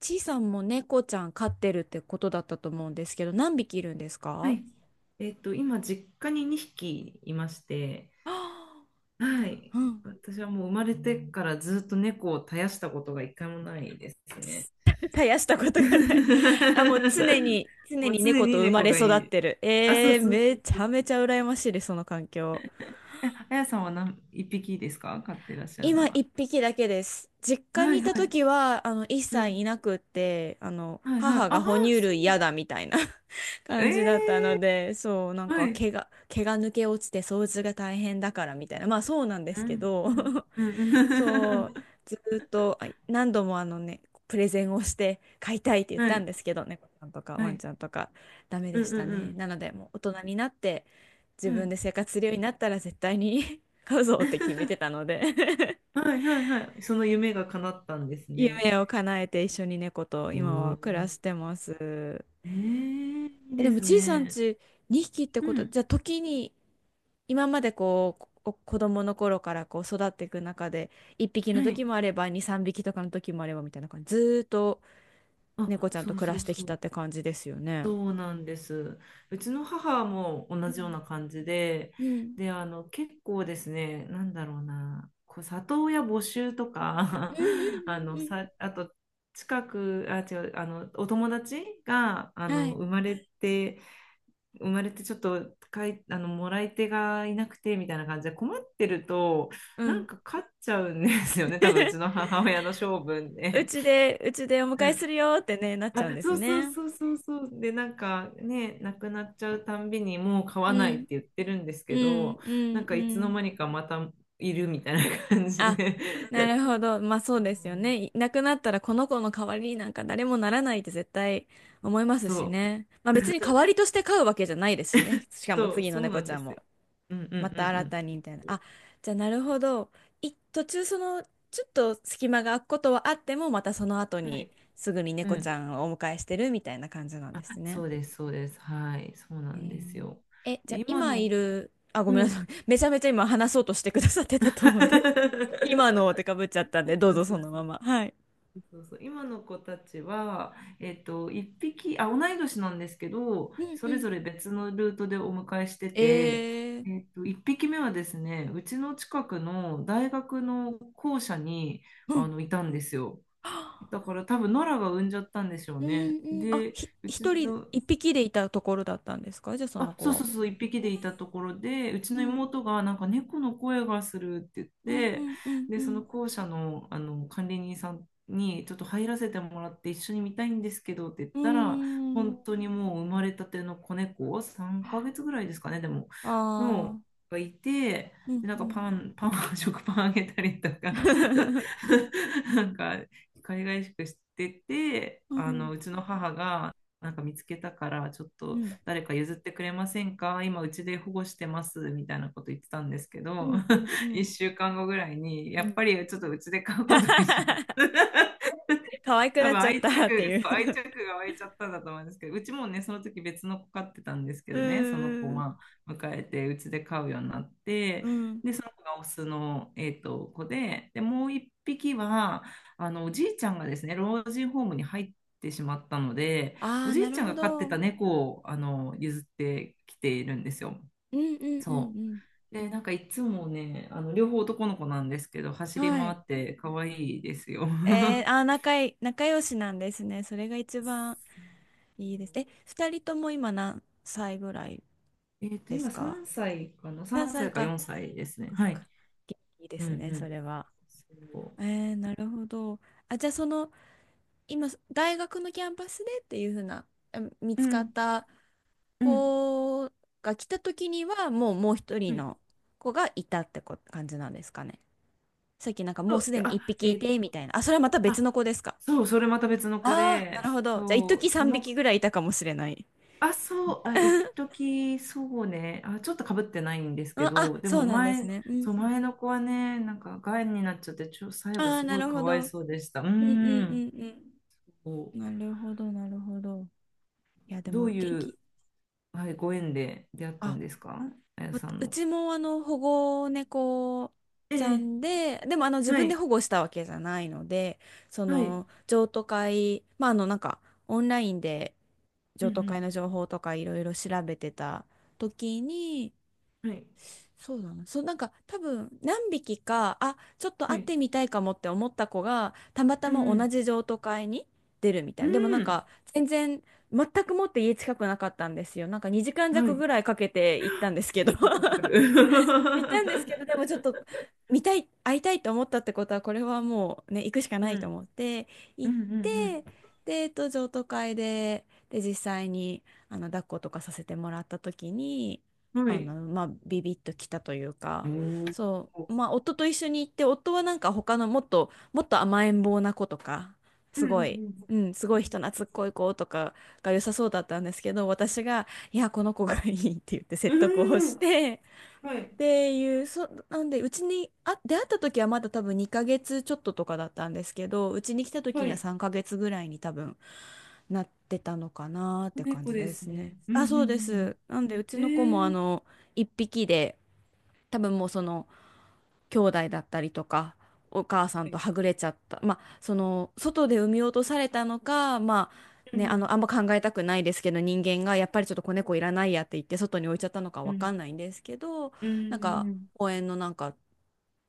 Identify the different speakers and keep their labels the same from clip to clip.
Speaker 1: ちいさんも猫ちゃん飼ってるってことだったと思うんですけど、何匹いるんです
Speaker 2: は
Speaker 1: か？
Speaker 2: い。今、実家に2匹いまして、
Speaker 1: あー いい
Speaker 2: は
Speaker 1: な。
Speaker 2: い。
Speaker 1: うん。
Speaker 2: 私はもう生まれてからずっと猫を絶やしたことが一回もないですね。
Speaker 1: 絶やしたことがない。あ、もう常 に、常
Speaker 2: もう
Speaker 1: に
Speaker 2: 常
Speaker 1: 猫と
Speaker 2: に
Speaker 1: 生ま
Speaker 2: 猫
Speaker 1: れ
Speaker 2: が
Speaker 1: 育
Speaker 2: い
Speaker 1: っ
Speaker 2: る。
Speaker 1: てる。
Speaker 2: あ、そうそうそ
Speaker 1: めち
Speaker 2: う
Speaker 1: ゃ
Speaker 2: そ
Speaker 1: め
Speaker 2: う。
Speaker 1: ちゃ羨ましいです、その環境。
Speaker 2: え、あやさんは何、一匹ですか飼ってらっしゃるの
Speaker 1: 今一
Speaker 2: は。
Speaker 1: 匹だけです。実家
Speaker 2: は
Speaker 1: に
Speaker 2: い
Speaker 1: いた
Speaker 2: はい。
Speaker 1: 時は、一
Speaker 2: う
Speaker 1: 切
Speaker 2: ん。
Speaker 1: いなくって、
Speaker 2: はいはい。
Speaker 1: 母
Speaker 2: あ
Speaker 1: が
Speaker 2: あ、
Speaker 1: 哺乳
Speaker 2: そう。
Speaker 1: 類嫌だみたいな
Speaker 2: え
Speaker 1: 感じだったの
Speaker 2: え
Speaker 1: で、そう、なん
Speaker 2: ー
Speaker 1: か
Speaker 2: はい。
Speaker 1: 毛が抜け落ちて掃除が大変だからみたいな。まあそうなんで
Speaker 2: う
Speaker 1: すけ
Speaker 2: ん。
Speaker 1: ど。
Speaker 2: うん。うん。う
Speaker 1: そう、
Speaker 2: ん
Speaker 1: ずーっと何度もあのね、プレゼンをして飼いたいって 言っ
Speaker 2: は
Speaker 1: たん
Speaker 2: い。
Speaker 1: ですけどね、猫ちゃんとか
Speaker 2: は
Speaker 1: ワン
Speaker 2: い。
Speaker 1: ちゃんとかダメ
Speaker 2: う
Speaker 1: で
Speaker 2: ん
Speaker 1: し
Speaker 2: う
Speaker 1: た
Speaker 2: ん
Speaker 1: ね。
Speaker 2: う
Speaker 1: なので、もう大人になって自
Speaker 2: ん。う
Speaker 1: 分
Speaker 2: ん。
Speaker 1: で生活するようになったら絶対に 飼うぞって決めて たので
Speaker 2: はいはいはい。その夢が叶ったんです ね。
Speaker 1: 夢を叶えて一緒に猫と
Speaker 2: う
Speaker 1: 今
Speaker 2: ー
Speaker 1: は暮ら
Speaker 2: ん。
Speaker 1: してます。
Speaker 2: えーいい
Speaker 1: え、で
Speaker 2: で
Speaker 1: も
Speaker 2: す
Speaker 1: ちいさん
Speaker 2: ね。
Speaker 1: ち2匹って
Speaker 2: う
Speaker 1: こと、
Speaker 2: ん。
Speaker 1: じゃあ時に今までこう、お子供の頃からこう育っていく中で1匹
Speaker 2: は
Speaker 1: の時
Speaker 2: い。
Speaker 1: もあれば2、3匹とかの時もあればみたいな感じ。ずーっと猫
Speaker 2: あ、
Speaker 1: ちゃん
Speaker 2: そ
Speaker 1: と
Speaker 2: う
Speaker 1: 暮ら
Speaker 2: そう
Speaker 1: して
Speaker 2: そ
Speaker 1: きたっ
Speaker 2: う。
Speaker 1: て感じですよね。
Speaker 2: そうなんです。うちの母も
Speaker 1: う
Speaker 2: 同じよう
Speaker 1: ん。
Speaker 2: な感じで、
Speaker 1: うん。うん
Speaker 2: で、結構ですね、なんだろうな、こう、里親募集とか、
Speaker 1: う んうん
Speaker 2: さ、あと、近く、あ、違う、お友達が、
Speaker 1: うん。はい。
Speaker 2: 生まれてちょっとかいもらい手がいなくてみたいな感じで困ってると
Speaker 1: う
Speaker 2: なん
Speaker 1: ん。
Speaker 2: か勝っちゃうんですよね多分うちの 母親の性分
Speaker 1: う
Speaker 2: で。
Speaker 1: ちで、うちでお迎
Speaker 2: う
Speaker 1: えす
Speaker 2: ん
Speaker 1: るよってね、なっちゃ
Speaker 2: あ、
Speaker 1: うんです
Speaker 2: そうそう
Speaker 1: ね。
Speaker 2: そうそうそうでなんかねなくなっちゃうたんびにもう買
Speaker 1: う
Speaker 2: わないっ
Speaker 1: ん。
Speaker 2: て言ってるんです
Speaker 1: う
Speaker 2: け
Speaker 1: ん
Speaker 2: ど
Speaker 1: うん
Speaker 2: なんか
Speaker 1: う
Speaker 2: いつの
Speaker 1: ん。
Speaker 2: 間にかまたいるみたいな感じ
Speaker 1: あ、
Speaker 2: で
Speaker 1: なるほど。まあそうですよね。い なくなったらこの子の代わりになんか誰もならないって絶対思います
Speaker 2: そ
Speaker 1: し
Speaker 2: う
Speaker 1: ね。まあ別に代わりとして飼うわけじゃないですしね。しかも
Speaker 2: そう
Speaker 1: 次の
Speaker 2: そうな
Speaker 1: 猫
Speaker 2: ん
Speaker 1: ち
Speaker 2: で
Speaker 1: ゃん
Speaker 2: すよ。
Speaker 1: も。
Speaker 2: うんうん
Speaker 1: また新
Speaker 2: う
Speaker 1: たにみたいな。あ、
Speaker 2: ん
Speaker 1: じゃあなるほど。途中そのちょっと隙間が空くことはあってもまたその後
Speaker 2: うん。は
Speaker 1: に
Speaker 2: い。
Speaker 1: すぐに
Speaker 2: う
Speaker 1: 猫ち
Speaker 2: ん、
Speaker 1: ゃんをお迎えしてるみたいな感じなんですね。
Speaker 2: そうです、そうです。はい、そうな
Speaker 1: え
Speaker 2: んです
Speaker 1: ー
Speaker 2: よ。
Speaker 1: え、じゃ
Speaker 2: で、
Speaker 1: あ
Speaker 2: 今
Speaker 1: 今い
Speaker 2: の
Speaker 1: る、あ、ご
Speaker 2: う
Speaker 1: めんなさ
Speaker 2: ん。
Speaker 1: い。めちゃめちゃ今話そうとしてくださってたと思うんで。今のっ てかぶっちゃったんで、どう
Speaker 2: そう
Speaker 1: ぞ
Speaker 2: そ
Speaker 1: そ
Speaker 2: う
Speaker 1: の
Speaker 2: そ
Speaker 1: ま
Speaker 2: う
Speaker 1: ま。はい。
Speaker 2: そうそう今の子たちは、一匹あ同い年なんですけど
Speaker 1: うん
Speaker 2: そ
Speaker 1: う
Speaker 2: れ
Speaker 1: ん。
Speaker 2: ぞれ別のルートでお迎えしてて、
Speaker 1: えー、
Speaker 2: 一匹目はですねうちの近くの大学の校舎に
Speaker 1: うん。
Speaker 2: いたんですよ
Speaker 1: は
Speaker 2: だ
Speaker 1: あ
Speaker 2: から多分ノラが産んじゃったんでしょう
Speaker 1: うん
Speaker 2: ね
Speaker 1: うん。あ、
Speaker 2: でうちの
Speaker 1: 一匹でいたところだったんですかじゃあその
Speaker 2: あ、
Speaker 1: 子
Speaker 2: そう
Speaker 1: は？
Speaker 2: そうそう、一匹でいたところで、うち
Speaker 1: う
Speaker 2: の
Speaker 1: ん
Speaker 2: 妹がなんか猫の声がするって言っ
Speaker 1: うんう
Speaker 2: て、
Speaker 1: んうんう
Speaker 2: で、その
Speaker 1: ん。
Speaker 2: 校舎の、あの管理人さんにちょっと入らせてもらって一緒に見たいんですけどって言っ
Speaker 1: うー
Speaker 2: たら、本
Speaker 1: ん。
Speaker 2: 当にもう生まれたての子猫、3
Speaker 1: あ
Speaker 2: ヶ月ぐらいですかね、でも、
Speaker 1: あ、
Speaker 2: のがいて、
Speaker 1: うん、
Speaker 2: で、な
Speaker 1: う
Speaker 2: んかパ
Speaker 1: ん。
Speaker 2: ン、パン、食パンあげたりとか なんか、海外しくしてて、
Speaker 1: うん、
Speaker 2: うちの母が、なんか見つけたからちょっ
Speaker 1: う
Speaker 2: と
Speaker 1: ん、
Speaker 2: 誰か譲ってくれませんか今うちで保護してますみたいなこと言ってたんですけ
Speaker 1: う
Speaker 2: ど
Speaker 1: ん、うん、う
Speaker 2: 1
Speaker 1: ん。
Speaker 2: 週間後ぐらいに、や
Speaker 1: う
Speaker 2: っ
Speaker 1: ん
Speaker 2: ぱりちょっとうちで飼う ことにします
Speaker 1: 可愛く
Speaker 2: 多
Speaker 1: なっ
Speaker 2: 分
Speaker 1: ちゃっ
Speaker 2: 愛着、
Speaker 1: たってい
Speaker 2: そう、愛
Speaker 1: う
Speaker 2: 着が湧いちゃったんだと思うんですけど、うちもね、その時別の子飼ってたんですけ
Speaker 1: う
Speaker 2: どね、その子、
Speaker 1: ーん。
Speaker 2: まあ、迎えて、うちで飼うようになっ
Speaker 1: う
Speaker 2: て、
Speaker 1: ん。
Speaker 2: で、その子がオスの、子で、で、もう一匹は、おじいちゃんがですね、老人ホームに入ってしまったので、
Speaker 1: あ
Speaker 2: お
Speaker 1: あ、
Speaker 2: じ
Speaker 1: な
Speaker 2: い
Speaker 1: る
Speaker 2: ちゃん
Speaker 1: ほ
Speaker 2: が飼って
Speaker 1: ど。う
Speaker 2: た
Speaker 1: ん、
Speaker 2: 猫を、譲ってきているんですよ。
Speaker 1: うん、う
Speaker 2: そ
Speaker 1: ん、
Speaker 2: う。で、なんかいつもね、両方男の子なんですけど、
Speaker 1: う
Speaker 2: 走
Speaker 1: ん。
Speaker 2: り
Speaker 1: は
Speaker 2: 回
Speaker 1: い。
Speaker 2: って可愛いですよ。
Speaker 1: 仲良しなんですね。それが一番いいです。え、二人とも今何歳ぐらいで
Speaker 2: 今
Speaker 1: すか？
Speaker 2: 3歳かな
Speaker 1: 何
Speaker 2: ?3
Speaker 1: 歳
Speaker 2: 歳か
Speaker 1: か。
Speaker 2: 4歳です
Speaker 1: そっ
Speaker 2: ね。
Speaker 1: かそ
Speaker 2: は
Speaker 1: っか。
Speaker 2: い。
Speaker 1: 元気で
Speaker 2: うん
Speaker 1: すね、
Speaker 2: う
Speaker 1: そ
Speaker 2: ん。
Speaker 1: れは。
Speaker 2: そ
Speaker 1: なるほど。あ、じゃあその今、大学のキャンパスでっていうふうな、あ見
Speaker 2: う。う
Speaker 1: つかっ
Speaker 2: ん
Speaker 1: た
Speaker 2: うん。
Speaker 1: 子が来た時には、もうもう一
Speaker 2: う
Speaker 1: 人
Speaker 2: ん
Speaker 1: の子がいたってこ感じなんですかね？さっきなんかも
Speaker 2: そ
Speaker 1: うす
Speaker 2: う
Speaker 1: でに
Speaker 2: あ、
Speaker 1: 一匹い
Speaker 2: え
Speaker 1: て、みたいな。あ、それはまた別の
Speaker 2: あ、
Speaker 1: 子ですか？
Speaker 2: そう、それまた別の子
Speaker 1: ああ、な
Speaker 2: で、
Speaker 1: るほど。じゃあ、一
Speaker 2: そう、
Speaker 1: 時
Speaker 2: そ
Speaker 1: 三
Speaker 2: の、
Speaker 1: 匹ぐらいいたかもしれない。
Speaker 2: あ、そう、あ、一 時そうね、あ、ちょっとかぶってないんですけ
Speaker 1: あ、
Speaker 2: ど、
Speaker 1: あ
Speaker 2: で
Speaker 1: そう
Speaker 2: も
Speaker 1: なんで
Speaker 2: 前、
Speaker 1: すね。うん。
Speaker 2: そう、前の子はね、なんか、がんになっちゃって、最
Speaker 1: あ
Speaker 2: 後
Speaker 1: あ、
Speaker 2: す
Speaker 1: な
Speaker 2: ごい
Speaker 1: る
Speaker 2: か
Speaker 1: ほ
Speaker 2: わい
Speaker 1: ど。うん
Speaker 2: そうでした。うー
Speaker 1: うん
Speaker 2: ん。
Speaker 1: うん
Speaker 2: こ
Speaker 1: うん。なるほど、なるほど。いや、
Speaker 2: う
Speaker 1: で
Speaker 2: どう
Speaker 1: も、元
Speaker 2: いう、
Speaker 1: 気。
Speaker 2: はい、ご縁で出会ったん
Speaker 1: あ
Speaker 2: ですかあやさん
Speaker 1: う
Speaker 2: の。
Speaker 1: ちも保護猫
Speaker 2: え
Speaker 1: ちゃ
Speaker 2: え、
Speaker 1: んで、でも自
Speaker 2: は
Speaker 1: 分で
Speaker 2: い、
Speaker 1: 保護したわけじゃないので、そ
Speaker 2: はい。
Speaker 1: の譲渡会、まあなんかオンラインで
Speaker 2: う
Speaker 1: 譲渡会
Speaker 2: ん
Speaker 1: の情報とかいろいろ調べてた時に、
Speaker 2: うん。はい。
Speaker 1: そうだな、そうなんか多分何匹か、あ、ちょっと
Speaker 2: は
Speaker 1: 会っ
Speaker 2: い。
Speaker 1: てみたいかもって思った子が、たまた
Speaker 2: う
Speaker 1: ま同
Speaker 2: ん
Speaker 1: じ譲渡会に出るみた
Speaker 2: う
Speaker 1: いな。でもな
Speaker 2: ん。
Speaker 1: ん
Speaker 2: うん。
Speaker 1: か全然全くもって家近くなかったんですよ。なんか2時間
Speaker 2: は
Speaker 1: 弱
Speaker 2: い。
Speaker 1: ぐらいかけて行ったんですけど
Speaker 2: 結構かかる。
Speaker 1: 行ったんですけど、でも ちょっと見たい、会いたいと思ったってことは、これはもうね、行くしか
Speaker 2: う
Speaker 1: ないと
Speaker 2: ん。
Speaker 1: 思って、
Speaker 2: う
Speaker 1: 行
Speaker 2: んう
Speaker 1: って、
Speaker 2: ん
Speaker 1: で、譲渡会で、実際に、抱っことかさせてもらった時に、
Speaker 2: うん。はい。
Speaker 1: まあ、ビビッときたという
Speaker 2: う
Speaker 1: か、
Speaker 2: んうん
Speaker 1: そう、まあ、夫と一緒に行って、夫はなんか他のもっと、もっと甘えん坊な子とか、
Speaker 2: う
Speaker 1: す
Speaker 2: ん
Speaker 1: ごい、
Speaker 2: う
Speaker 1: う
Speaker 2: ん。
Speaker 1: ん、すごい人懐っこい子とかが良さそうだったんですけど、私が、いや、この子がいいって言って
Speaker 2: う
Speaker 1: 説得を
Speaker 2: ー
Speaker 1: し
Speaker 2: ん。
Speaker 1: て、
Speaker 2: は
Speaker 1: っ
Speaker 2: い。
Speaker 1: ていう、なんで、うちに、あ、出会った時はまだ多分2ヶ月ちょっととかだったんですけど、うちに来た時
Speaker 2: は
Speaker 1: には
Speaker 2: い。
Speaker 1: 3ヶ月ぐらいに多分なってたのかなっ
Speaker 2: 子
Speaker 1: て感
Speaker 2: 猫
Speaker 1: じ
Speaker 2: で
Speaker 1: で
Speaker 2: す
Speaker 1: すね。
Speaker 2: ね。うんう
Speaker 1: あ、そうです。
Speaker 2: ん
Speaker 1: なんで、うち
Speaker 2: うんう
Speaker 1: の子も
Speaker 2: ん。えー。
Speaker 1: 1匹で、多分もうその、兄弟だったりとかお母さん
Speaker 2: は
Speaker 1: と
Speaker 2: い
Speaker 1: はぐれちゃったまあその外で産み落とされたのかまあ
Speaker 2: う
Speaker 1: ね
Speaker 2: ん
Speaker 1: あんま考えたくないですけど人間がやっぱりちょっと子猫いらないやって言って外に置いちゃったのか
Speaker 2: う
Speaker 1: わ
Speaker 2: ん。
Speaker 1: か
Speaker 2: う
Speaker 1: んないんですけ
Speaker 2: ん。
Speaker 1: ど
Speaker 2: う
Speaker 1: なんか
Speaker 2: んうん
Speaker 1: 公園のなんか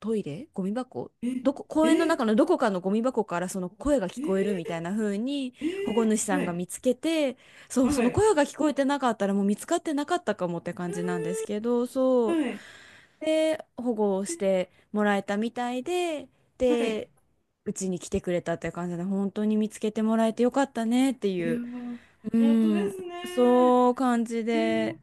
Speaker 1: トイレゴミ箱
Speaker 2: うん。
Speaker 1: どこ公
Speaker 2: え、
Speaker 1: 園の
Speaker 2: え、
Speaker 1: 中のどこかのゴミ箱からその声が聞こえるみ
Speaker 2: え、
Speaker 1: たいな風に
Speaker 2: え
Speaker 1: 保護主
Speaker 2: ー、
Speaker 1: さ
Speaker 2: は
Speaker 1: んが
Speaker 2: い。
Speaker 1: 見つけてそうそ
Speaker 2: は
Speaker 1: の
Speaker 2: い。
Speaker 1: 声が聞こえてなかったらもう見つかってなかったかもって感じなんですけどそう
Speaker 2: はい。
Speaker 1: で、保護をしてもらえたみたいで、
Speaker 2: は
Speaker 1: で、
Speaker 2: い。
Speaker 1: うちに来てくれたって感じで、本当に見つけてもらえてよかったねって
Speaker 2: い
Speaker 1: い
Speaker 2: や
Speaker 1: う、
Speaker 2: ー、
Speaker 1: う
Speaker 2: 本当で
Speaker 1: ん、
Speaker 2: す
Speaker 1: そ
Speaker 2: ね。
Speaker 1: う感じ
Speaker 2: え
Speaker 1: で、
Speaker 2: ー、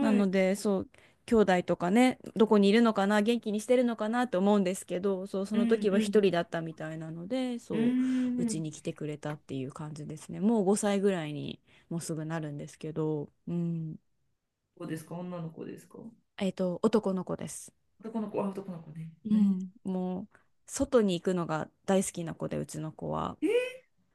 Speaker 1: なの
Speaker 2: い。
Speaker 1: で、そう、兄弟とかね、どこにいるのかな、元気にしてるのかなと思うんですけど、そう、そ
Speaker 2: う
Speaker 1: の
Speaker 2: ん
Speaker 1: 時は
Speaker 2: う
Speaker 1: 一人だ
Speaker 2: ん。
Speaker 1: ったみたいなので、
Speaker 2: うー
Speaker 1: そう、うち
Speaker 2: ん。
Speaker 1: に来てくれたっていう感じですね。もう5歳ぐらいにもうすぐなるんですけど、うん、
Speaker 2: 子ですか女の子ですか
Speaker 1: 男の子です。
Speaker 2: 男の子、あ、男の子ね。
Speaker 1: う
Speaker 2: え
Speaker 1: ん、もう外に行くのが大好きな子でうちの子は
Speaker 2: ー、えー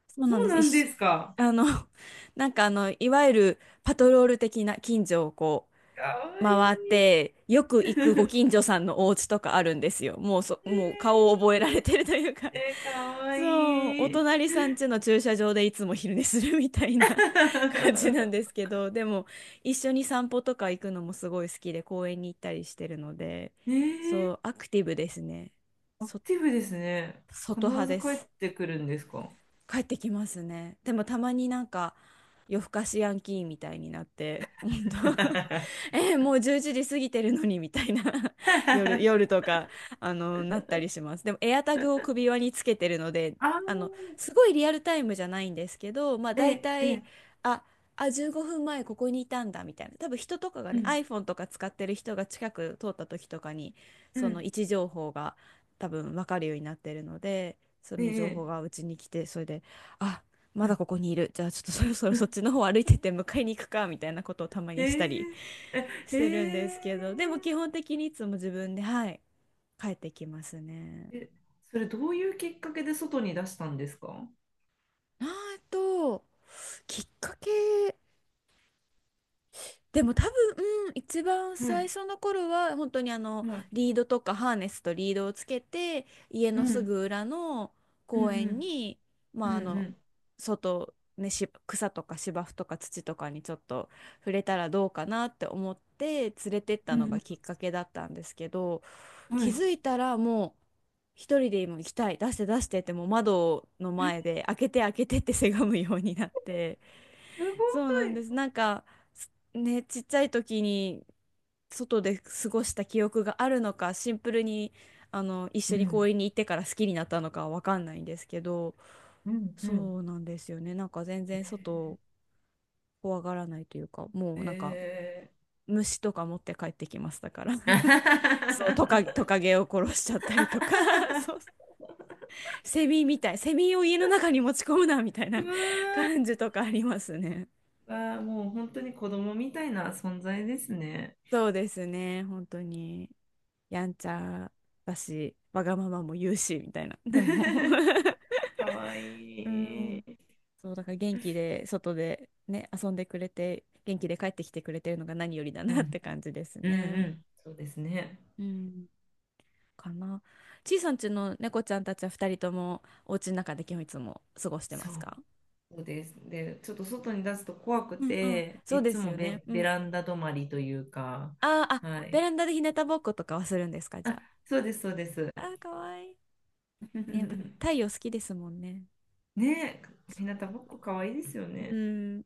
Speaker 1: そうなん
Speaker 2: そ
Speaker 1: で
Speaker 2: う
Speaker 1: す
Speaker 2: な
Speaker 1: 一
Speaker 2: んで
Speaker 1: 緒
Speaker 2: すか。
Speaker 1: あの なんかいわゆるパトロール的な近所を
Speaker 2: かわい
Speaker 1: 回っ
Speaker 2: い。
Speaker 1: て、よく行くご
Speaker 2: え
Speaker 1: 近所さんのお家とかあるんですよ。
Speaker 2: ー、
Speaker 1: もう顔を覚えられてるというか
Speaker 2: えー、か わ
Speaker 1: そう、お
Speaker 2: いい。
Speaker 1: 隣さん家の駐車場でいつも昼寝するみたいな 感じなんで すけど、でも一緒に散歩とか行くのもすごい好きで公園に行ったりしてるので、
Speaker 2: えー、
Speaker 1: そう、アクティブですね。
Speaker 2: アク
Speaker 1: そ、
Speaker 2: ティブですね。必
Speaker 1: 外派
Speaker 2: ず
Speaker 1: で
Speaker 2: 帰
Speaker 1: す。
Speaker 2: ってくるんですか
Speaker 1: 帰ってきますね。でもたまになんか夜更かしヤンキーみたいになって、本 当
Speaker 2: あ
Speaker 1: もう11時過ぎてるのにみたいな 夜とか、なったりします。でもエアタグを首輪につけてるので、
Speaker 2: あ、
Speaker 1: あの、すごいリアルタイムじゃないんですけど、まあ
Speaker 2: え
Speaker 1: 大
Speaker 2: ー、え
Speaker 1: 体、
Speaker 2: ー、
Speaker 1: あ、15分前ここにいたんだみたいな。多分人とかが
Speaker 2: う
Speaker 1: ね、
Speaker 2: ん、
Speaker 1: iPhone とか使ってる人が近く通った時とかに、
Speaker 2: う
Speaker 1: その位
Speaker 2: ん、
Speaker 1: 置情報が多分分かるようになってるので、そ
Speaker 2: え
Speaker 1: の情
Speaker 2: ー、
Speaker 1: 報がうちに来てそれであまだここにいるじゃあちょっと そろそろそっちの方歩いてって迎えに行くかみたいなことをたま
Speaker 2: え
Speaker 1: にしたり
Speaker 2: ー、えー、
Speaker 1: し
Speaker 2: え
Speaker 1: てるんですけどでも基
Speaker 2: ー
Speaker 1: 本的にいつも自分ではい帰ってきますね。
Speaker 2: え、それどういうきっかけで外に出したんですかは
Speaker 1: あと、きっかけでも多分、うん一番
Speaker 2: い、
Speaker 1: 最初の頃は本当に
Speaker 2: はい。
Speaker 1: リードとかハーネスとリードをつけて家
Speaker 2: う
Speaker 1: のす
Speaker 2: ん、
Speaker 1: ぐ裏の
Speaker 2: う
Speaker 1: 公園
Speaker 2: ん、
Speaker 1: に、
Speaker 2: う
Speaker 1: ま
Speaker 2: ん、
Speaker 1: あ、
Speaker 2: うん、
Speaker 1: 外、ね、草とか芝生とか土とかにちょっと触れたらどうかなって思って連れてった
Speaker 2: う
Speaker 1: のが
Speaker 2: ん、
Speaker 1: きっかけだったんですけど
Speaker 2: うんは
Speaker 1: 気
Speaker 2: い。
Speaker 1: づいたらもう一人で今行きたい出して出してってもう窓の前
Speaker 2: え
Speaker 1: で開けて開けてってせがむようになって。
Speaker 2: すご
Speaker 1: そうなんです。
Speaker 2: い。
Speaker 1: なんか、ちっちゃい時に外で過ごした記憶があるのか、シンプルに一
Speaker 2: う
Speaker 1: 緒に公
Speaker 2: ん、
Speaker 1: 園に行ってから好きになったのかはわかんないんですけど、
Speaker 2: うん、う
Speaker 1: そ
Speaker 2: ん。
Speaker 1: うなんですよね。なんか全然外を怖がらないというか、もうなんか
Speaker 2: え
Speaker 1: 虫とか持って帰ってきましたから。
Speaker 2: ー。
Speaker 1: そう、ト カゲを殺しちゃったりとか、そう、セミみたい、セミを家の中に持ち込むなみたいな
Speaker 2: う
Speaker 1: 感じとかありますね。
Speaker 2: わあ、もう本当に子供みたいな存在ですね。
Speaker 1: そうですね、本当に。やんちゃだし、わがままも言うし、みたいな。でも
Speaker 2: かわい
Speaker 1: うん。
Speaker 2: い。う
Speaker 1: そう、だから元気で、外でね、遊んでくれて、元気で帰ってきてくれてるのが何よりだなって
Speaker 2: ん、
Speaker 1: 感じです
Speaker 2: うん、う
Speaker 1: ね。
Speaker 2: ん。そうですね。
Speaker 1: うん。かな。ちいさんちの猫ちゃんたちは二人とも、お家の中で基本いつも過ごしてま
Speaker 2: そ
Speaker 1: す
Speaker 2: う
Speaker 1: か？
Speaker 2: そうです。で、ちょっと外に出すと怖く
Speaker 1: うんうん。
Speaker 2: て、
Speaker 1: そう
Speaker 2: い
Speaker 1: で
Speaker 2: つ
Speaker 1: す
Speaker 2: も
Speaker 1: よね。う
Speaker 2: ベ
Speaker 1: ん。
Speaker 2: ランダ止まりというか、
Speaker 1: あーあ、
Speaker 2: は
Speaker 1: ベ
Speaker 2: い。
Speaker 1: ランダで日向ぼっことかはするんですか、じ
Speaker 2: あ、
Speaker 1: ゃ
Speaker 2: そうです、そうです。
Speaker 1: あ？あー、かわいい。ね、やっぱ太 陽好きですもんね。
Speaker 2: ねえ、ひなたぼっこかわいいですよ
Speaker 1: う
Speaker 2: ね。
Speaker 1: ん、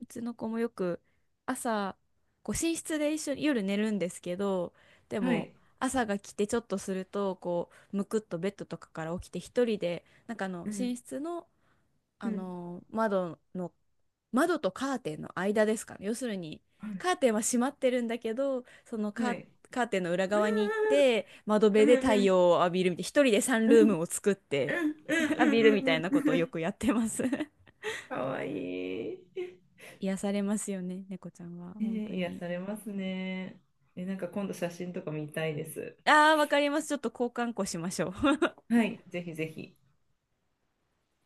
Speaker 1: うちの子もよく朝こう寝室で一緒に夜寝るんですけどで
Speaker 2: は
Speaker 1: も
Speaker 2: い。
Speaker 1: 朝が来てちょっとするとこうむくっとベッドとかから起きて一人でなんか
Speaker 2: うん、
Speaker 1: 寝室の、
Speaker 2: う
Speaker 1: あ
Speaker 2: ん、
Speaker 1: の窓の窓とカーテンの間ですかね要するにカ
Speaker 2: は
Speaker 1: ーテンは閉まってるんだけどその
Speaker 2: い。はい。
Speaker 1: カーテンの裏
Speaker 2: う
Speaker 1: 側に行っ
Speaker 2: ん
Speaker 1: て窓
Speaker 2: う
Speaker 1: 辺
Speaker 2: ん
Speaker 1: で太
Speaker 2: うん
Speaker 1: 陽を浴びるみたいな一人でサン
Speaker 2: うん
Speaker 1: ル
Speaker 2: う
Speaker 1: ー
Speaker 2: ん
Speaker 1: ムを作って
Speaker 2: うん
Speaker 1: 浴
Speaker 2: うん
Speaker 1: びるみた
Speaker 2: う
Speaker 1: い
Speaker 2: ん
Speaker 1: な
Speaker 2: う
Speaker 1: こ
Speaker 2: ん
Speaker 1: とを
Speaker 2: う
Speaker 1: よ
Speaker 2: ん
Speaker 1: くやってます
Speaker 2: かわいい。
Speaker 1: 癒されますよね、猫ちゃんは。
Speaker 2: ね
Speaker 1: 本当
Speaker 2: え、癒
Speaker 1: に。
Speaker 2: されますね。え、なんか今度写真とか見たいです。
Speaker 1: ああ、わかります。ちょっと交換個しましょう。
Speaker 2: はい、ぜひぜひ。